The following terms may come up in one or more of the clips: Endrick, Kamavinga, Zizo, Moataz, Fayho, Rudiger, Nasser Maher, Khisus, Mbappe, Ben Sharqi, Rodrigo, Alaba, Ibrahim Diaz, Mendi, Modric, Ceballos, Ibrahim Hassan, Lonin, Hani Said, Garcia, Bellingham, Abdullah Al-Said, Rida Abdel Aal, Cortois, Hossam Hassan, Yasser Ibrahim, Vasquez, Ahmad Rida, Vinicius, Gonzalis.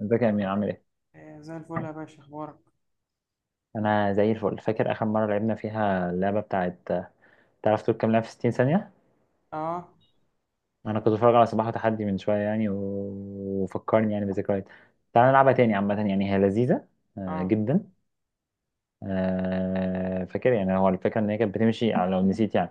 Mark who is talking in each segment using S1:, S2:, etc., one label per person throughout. S1: ازيك يا امين، عامل ايه؟
S2: آه، زي الفل يا باشا اخبارك.
S1: انا زي الفل. فاكر اخر مره لعبنا فيها اللعبه بتاعت تعرف تقول كام لعبه في 60 ثانيه؟
S2: اه.
S1: انا كنت بتفرج على صباح وتحدي من شويه يعني وفكرني يعني بذكريات. تعال نلعبها تاني. عامه يعني هي لذيذه.
S2: اه.
S1: جدا. فاكر يعني هو الفكره ان هي كانت بتمشي على لو نسيت يعني.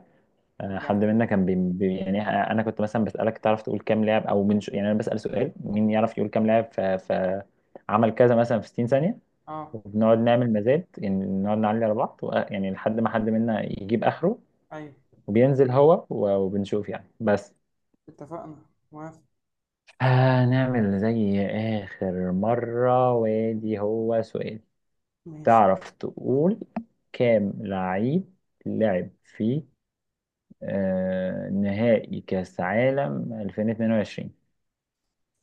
S1: حد
S2: يعني.
S1: منا كان يعني انا كنت مثلا بسالك تعرف تقول كام لاعب يعني انا بسال سؤال مين يعرف يقول كام لاعب عمل كذا مثلا في 60 ثانيه؟
S2: اه.
S1: وبنقعد نعمل مزاد. يعني نقعد نعلي على بعض يعني لحد ما حد منا يجيب آخره،
S2: ايوه،
S1: وبينزل هو وبنشوف يعني بس.
S2: اتفقنا. موافق.
S1: هنعمل زي آخر مرة، وادي هو سؤال.
S2: ماشي،
S1: تعرف تقول كام لعيب لعب في نهائي كأس عالم 2022؟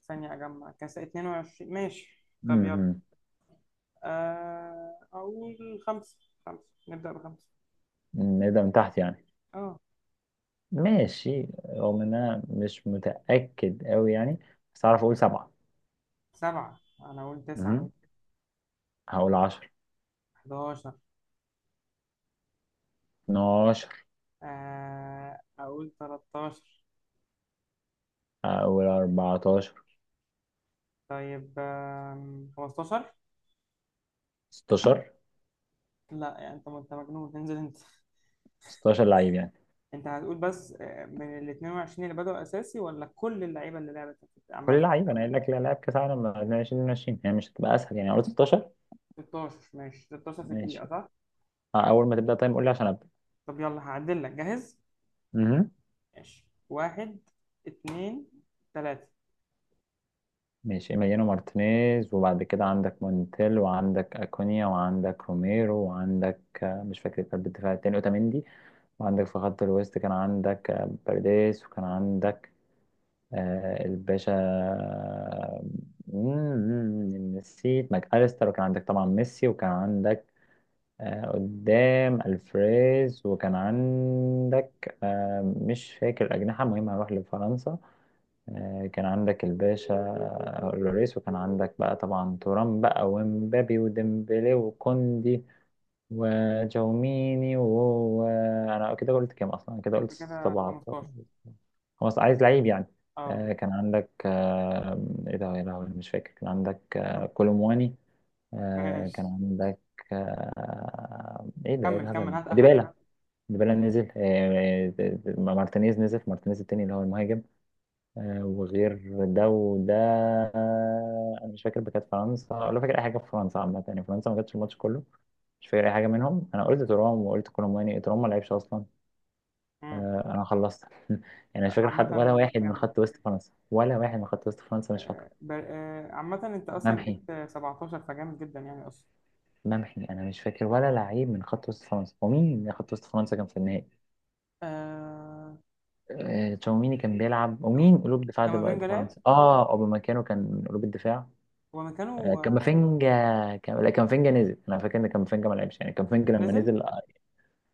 S2: ثانية اجمع كاس 22. ماشي، طب يلا.
S1: امم.
S2: آه اقول خمسة، خمسة، نبدأ بخمسة.
S1: نبدأ من تحت يعني.
S2: اه
S1: ماشي، رغم ان انا مش متأكد قوي يعني. بس اعرف اقول سبعة.
S2: سبعة، انا اقول تسعة.
S1: مهم. هقول 10.
S2: 11.
S1: 12.
S2: آه اقول 13.
S1: او 14.
S2: طيب 15.
S1: 16.
S2: لا يعني انت مجنون، انزل انت.
S1: 16 لعيب يعني.
S2: انت هتقول بس من ال 22 اللي بدأوا اساسي ولا كل اللعيبة اللي لعبت
S1: كل
S2: عامة.
S1: لعيب انا قايل لك. لا، لاعب كاس عالم 2022 يعني، مش هتبقى اسهل يعني؟ قلت 16.
S2: 16، ماشي 16 في
S1: ماشي.
S2: دقيقة صح؟
S1: اول ما تبدا طيب قول لي عشان ابدا.
S2: طب يلا هعدل لك، جاهز؟
S1: امم.
S2: ماشي، واحد، اتنين، تلاتة.
S1: ماشي، إيميليانو مارتينيز، وبعد كده عندك مونتيل، وعندك أكونيا، وعندك روميرو، وعندك، مش فاكر قلب الدفاع التاني، أوتاميندي. وعندك في خط الوسط كان عندك بيريز، وكان عندك الباشا، نسيت، ماك أليستر. وكان عندك طبعا ميسي، وكان عندك قدام الفريز، وكان عندك مش فاكر الأجنحة. المهم هروح لفرنسا. كان عندك الباشا لوريس، وكان عندك بقى طبعا تورام بقى، ومبابي، وديمبلي، وكوندي، وجوميني، وهو، انا كده قلت كام اصلا؟ أنا كده قلت
S2: انت كده
S1: 17.
S2: 15.
S1: خلاص، عايز لعيب يعني.
S2: اه.
S1: كان عندك، ايه ده يا لهوي، مش فاكر. كان عندك كولومواني. كان
S2: ماشي،
S1: عندك، ايه ده؟ ايه
S2: كمل
S1: الهبل
S2: كمل
S1: ده؟
S2: هات اخرك.
S1: ديبالا. ديبالا نزل. مارتينيز نزل، مارتينيز التاني اللي هو المهاجم. وغير ده وده. انا مش فاكر كانت فرنسا، ولا فاكر اي حاجه في فرنسا عامه يعني. فرنسا ما جاتش الماتش كله. مش فاكر اي حاجه منهم. انا قلت ترام وقلت كولوماني. ترام ما لعبش اصلا.
S2: مم.
S1: انا خلصت. يعني مش فاكر
S2: عامة
S1: حد، ولا واحد من
S2: جامد.
S1: خط وسط فرنسا، ولا واحد من خط وسط فرنسا، مش فاكره.
S2: عامة انت اصلا
S1: ممحي.
S2: جبت 17، فجامد جدا يعني اصلا.
S1: ممحي. انا مش فاكر ولا لعيب من خط وسط فرنسا. ومين من خط وسط فرنسا كان في النهائي؟
S2: آه،
S1: تشاوميني كان بيلعب. ومين قلوب دفاع ده بقى؟ ده
S2: كامافينجا لعب،
S1: فرنسا. اه، اوبامكانو كان قلوب الدفاع.
S2: هو مكانه. آه،
S1: كامافينجا. لا، كامافينجا نزل. انا فاكر ان كامافينجا ما لعبش يعني. كامافينجا لما
S2: نزل.
S1: نزل، آه،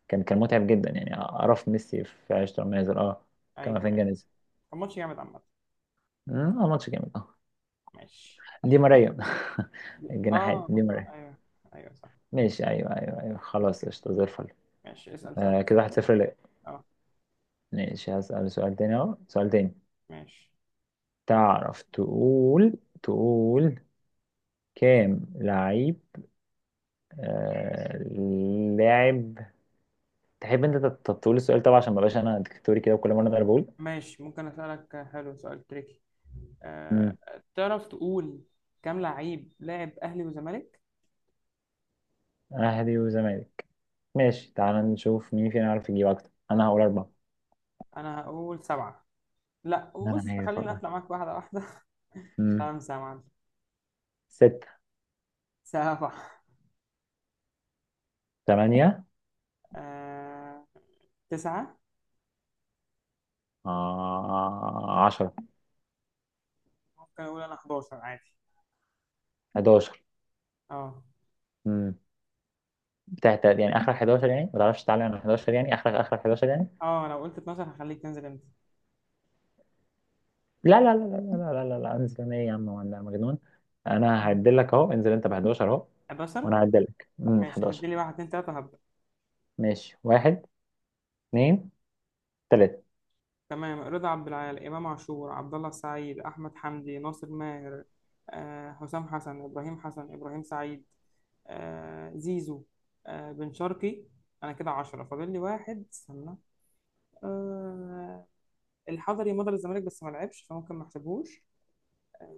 S1: كان كان متعب جدا يعني. اعرف ميسي في عشرة لما نزل. اه.
S2: ايوه
S1: كامافينجا
S2: ايوه.
S1: نزل.
S2: كان ماتش جامد عامة.
S1: مم. اه، ماتش جامد، اه.
S2: ماشي.
S1: دي ماريا. الجناحات
S2: اه.
S1: دي ماريا.
S2: ايوه ايوه صح.
S1: ماشي، ايوه، ايوه، ايوه، خلاص،
S2: اوكي،
S1: قشطة زي الفل.
S2: ماشي اسأل سؤال.
S1: كده واحد صفر ليه.
S2: اه.
S1: ماشي، هسأل سؤال تاني، اهو سؤال تاني.
S2: ماشي.
S1: تعرف تقول، تقول كام لعيب آه لاعب تحب انت تقول السؤال طبعا، عشان ما بقاش انا ديكتاتوري كده وكل مره انا بقول.
S2: ممكن أسألك حلو سؤال تريكي؟ أه.
S1: امم.
S2: تعرف تقول كام لعيب لاعب أهلي وزمالك؟
S1: اهلي وزمالك. ماشي، تعال نشوف مين فينا عارف يجيب اكتر. انا هقول اربعة.
S2: أنا هقول سبعة. لا
S1: انا
S2: بص،
S1: عارف
S2: خليني
S1: والله.
S2: أطلع معاك واحدة واحدة.
S1: امم.
S2: خمسة يا معلم.
S1: ستة.
S2: سبعة.
S1: تمانية.
S2: أه. تسعة.
S1: 10.
S2: ممكن أقول أنا 11 عادي.
S1: 11.
S2: أه
S1: امم. تحت يعني، اخرك 11 يعني؟ ما تعرفش تعلي على 11 يعني؟ اخرك، اخرك 11 يعني؟
S2: أه، لو قلت 12 هخليك تنزل أنت.
S1: لا، لا، لا، لا، لا، لا، لا، لا. انزل انا؟ ايه يا عم، وانا مجنون؟ انا هعدلك اهو، انزل انت ب 11 اهو. وانا
S2: 11.
S1: هعدلك،
S2: ماشي، أدي لي
S1: 11.
S2: واحد اتنين تلاتة.
S1: ماشي، واحد، اتنين، تلاتة.
S2: تمام، رضا عبد العال، إمام عاشور، عبد الله السعيد، أحمد حمدي، ناصر ماهر، حسام حسن، إبراهيم حسن، إبراهيم سعيد، زيزو، بن شرقي. أنا كده عشرة، فاضل لي واحد، استنى. آه، الحضري مضى للزمالك بس ما لعبش فممكن ما احسبهوش. آه،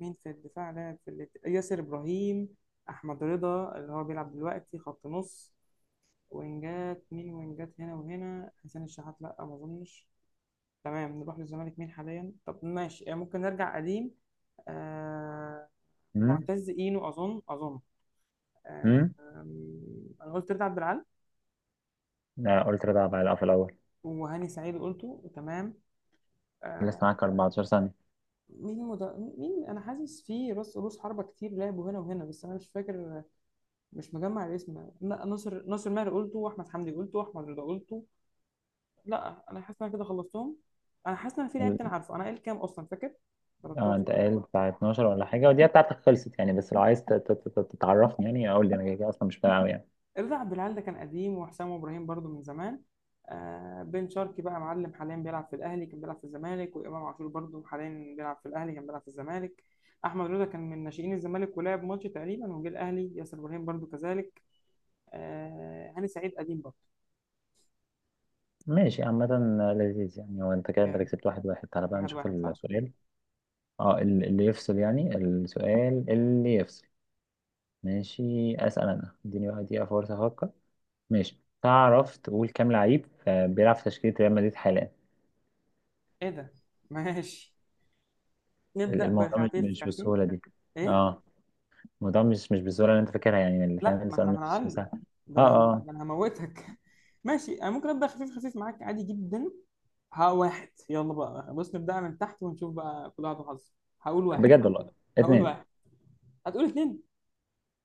S2: مين في الدفاع لعب في ياسر إبراهيم، أحمد رضا اللي هو بيلعب دلوقتي خط نص. وينجات، مين وينجات هنا وهنا؟ حسين الشحات، لأ ما أظنش. تمام نروح للزمالك، مين حاليا؟ طب ماشي يعني ممكن نرجع قديم. آه...
S1: امم.
S2: معتز اينو، اظن. آه...
S1: امم.
S2: انا قلت رضا عبد العال.
S1: لا، قلت رضا بقى في الاول.
S2: وهاني سعيد قلته، تمام.
S1: لسه
S2: آه...
S1: معاك 14 ثانية.
S2: مين مد... مين؟ انا حاسس في راس، رؤوس حربة كتير لعبوا هنا وهنا بس انا مش فاكر، مش مجمع الاسم. لا ناصر، ناصر ماهر قلته، واحمد حمدي قلته، واحمد رضا قلته. لا انا حاسس ان انا كده خلصتهم. انا حاسس ان أنا في لعيب تاني عارفه. انا قايل كام اصلا فاكر؟
S1: اه،
S2: 13.
S1: انت قايل بتاع 12 ولا حاجة؟ ودي بتاعتك خلصت يعني، بس لو عايز تتعرفني يعني اقول لي، انا كده كده اصلا مش فاهم أوي يعني.
S2: رضا عبد العال ده كان قديم، وحسام ابراهيم برضو من زمان. آه بن شرقي بقى معلم حاليا بيلعب في الاهلي، كان بيلعب في الزمالك. وامام عاشور برضو حاليا بيلعب في الاهلي، كان بيلعب في الزمالك. احمد رضا كان من ناشئين الزمالك ولعب ماتش تقريبا وجه الاهلي. ياسر ابراهيم برضو كذلك. آه هاني سعيد قديم برضو.
S1: ماشي، عامة. لذيذ يعني. هو انت كده، انت
S2: جامد.
S1: كسبت واحد واحد. تعالى بقى
S2: واحد
S1: نشوف
S2: واحد صح.
S1: السؤال. اه، اللي يفصل يعني، السؤال اللي يفصل. ماشي، اسأل. انا اديني بقى دقيقة فرصة افكر. ماشي، تعرف تقول كام لعيب بيلعب في تشكيلة ريال مدريد حاليا؟
S2: ايه ده؟ ماشي، نبدا
S1: الموضوع مش
S2: بخفيف
S1: مش
S2: خفيف.
S1: بالسهولة دي.
S2: ايه؟
S1: اه، الموضوع مش بالسهولة اللي انت فاكرها يعني. اللي فاهم
S2: لا ما
S1: السؤال
S2: احنا
S1: مش
S2: هنعلي.
S1: سهل. اه، اه،
S2: ده انا هموتك. ماشي، انا ممكن ابدا خفيف خفيف معاك عادي جدا. ها، واحد، يلا بقى، بص نبدأ من تحت ونشوف بقى كل واحد وحظه. هقول واحد
S1: بجد والله.
S2: هقول
S1: اتنين.
S2: واحد. هتقول اتنين.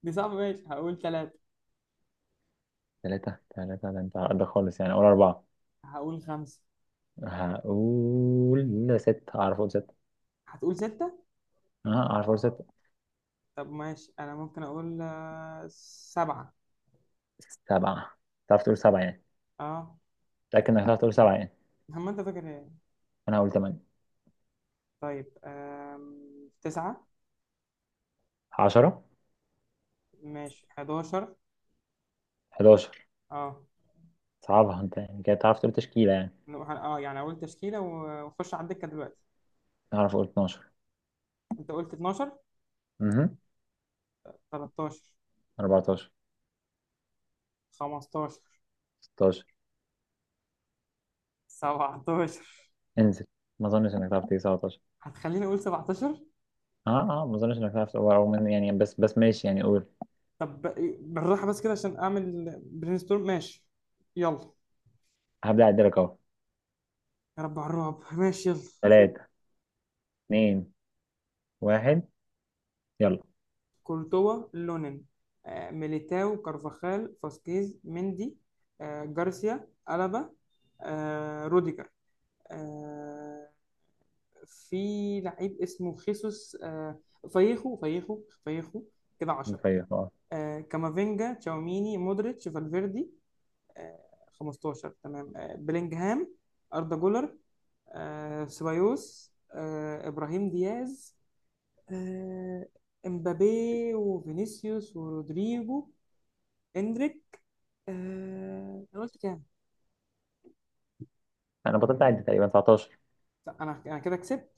S2: دي صعبة، ماشي هقول تلاتة.
S1: ثلاثة، ثلاثة؟ ده انت ده خالص يعني. اقول أربعة.
S2: هقول خمسة.
S1: هقول ستة، أعرف أقول ستة.
S2: هتقول ستة.
S1: أه، أعرف أقول ستة.
S2: طب ماشي، أنا ممكن أقول سبعة.
S1: سبعة. تعرف تقول سبعة يعني؟
S2: أه.
S1: متأكد إنك تعرف تقول سبعة يعني؟
S2: هم، أنت فاكر إيه؟
S1: أنا هقول تمانية.
S2: طيب تسعة.
S1: 10.
S2: ماشي حداشر.
S1: 11.
S2: أه.
S1: صعبها أنت يعني كده، تعرف تقول تشكيلة يعني؟
S2: أه يعني أقول تشكيلة وخش على الدكة دلوقتي.
S1: أعرف أقول 12.
S2: أنت قلت اتناشر.
S1: أمم.
S2: تلاتاشر.
S1: 14.
S2: خمستاشر.
S1: 16.
S2: سبعتاشر.
S1: انزل. ما أظنش إنك تعرف تيجي 17.
S2: هتخليني أقول سبعتاشر.
S1: أه، أه، ما أظنش إنك تعرف تقول أو من يعني، بس ماشي يعني. قول.
S2: طب بالراحة بس كده عشان أعمل برين ستورم. ماشي، يلا.
S1: هبدأ أعدلك أهو.
S2: يا رب على الرعب، ماشي يلا.
S1: تلاتة، اتنين، واحد، يلا.
S2: كورتوا، لونين، ميليتاو، كارفاخال، فاسكيز، مندي، جارسيا، ألابا، روديجر، آه، في لعيب اسمه خيسوس، فايخو كده 10.
S1: طيب،
S2: كامافينجا، تشاوميني، مودريتش، فالفيردي، آه، 15 تمام. بلينجهام، أردا جولر، سيبايوس، إبراهيم دياز، آه، إمبابي وفينيسيوس ورودريجو، إندريك. أنا قلت كام؟
S1: أنا بطلت أعد، تقريبا 19.
S2: لا، أنا كده كسبت.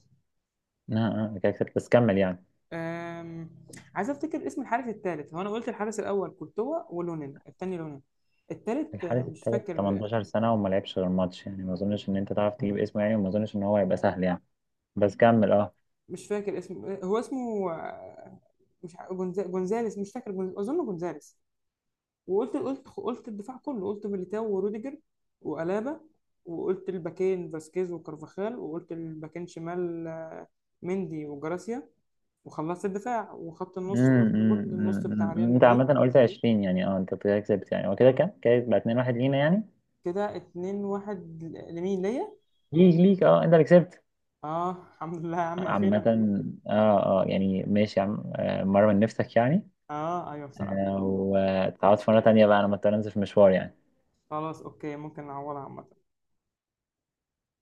S1: كده كسبت، بس كمل يعني.
S2: آم، عايز أفتكر اسم الحارس الثالث. هو أنا قلت الحارس الأول كورتوا، ولونين التاني لونين. التالت
S1: الحارس
S2: مش
S1: التالت
S2: فاكر،
S1: 18 سنة وما لعبش غير ماتش يعني، ما أظنش إن أنت تعرف تجيب اسمه يعني، وما أظنش إن هو هيبقى سهل يعني. بس كمل، أه.
S2: مش فاكر اسمه. هو اسمه آه، مش ع- جونزا- جونزاليس، مش فاكر، أظن جونزاليس. وقلت قلت قلت الدفاع كله، قلت ميليتاو وروديجر وألابا، وقلت الباكين فاسكيز وكارفاخال، وقلت الباكين شمال مندي وجراسيا، وخلصت الدفاع. وخط النص قلت
S1: أمم،
S2: كل
S1: أمم،
S2: النص بتاع
S1: أمم،
S2: ريال
S1: أمم. أنت
S2: مدريد.
S1: عامة قلت 20 يعني. أنت كده كسبت يعني. هو كده كام؟ كده يبقى 2-1 لينا يعني.
S2: كده 2 1. لمين ليا؟
S1: ليك، ليك، أه، أنت اللي كسبت.
S2: اه الحمد لله يا عم،
S1: عامة،
S2: اخيرا.
S1: أه، أه، يعني ماشي يا عم. مرة من نفسك يعني.
S2: اه ايوه بصراحة.
S1: وتعوض في مرة تانية بقى. أنا مضطر أنزل في مشوار يعني.
S2: خلاص اوكي، ممكن نعوضها عامة.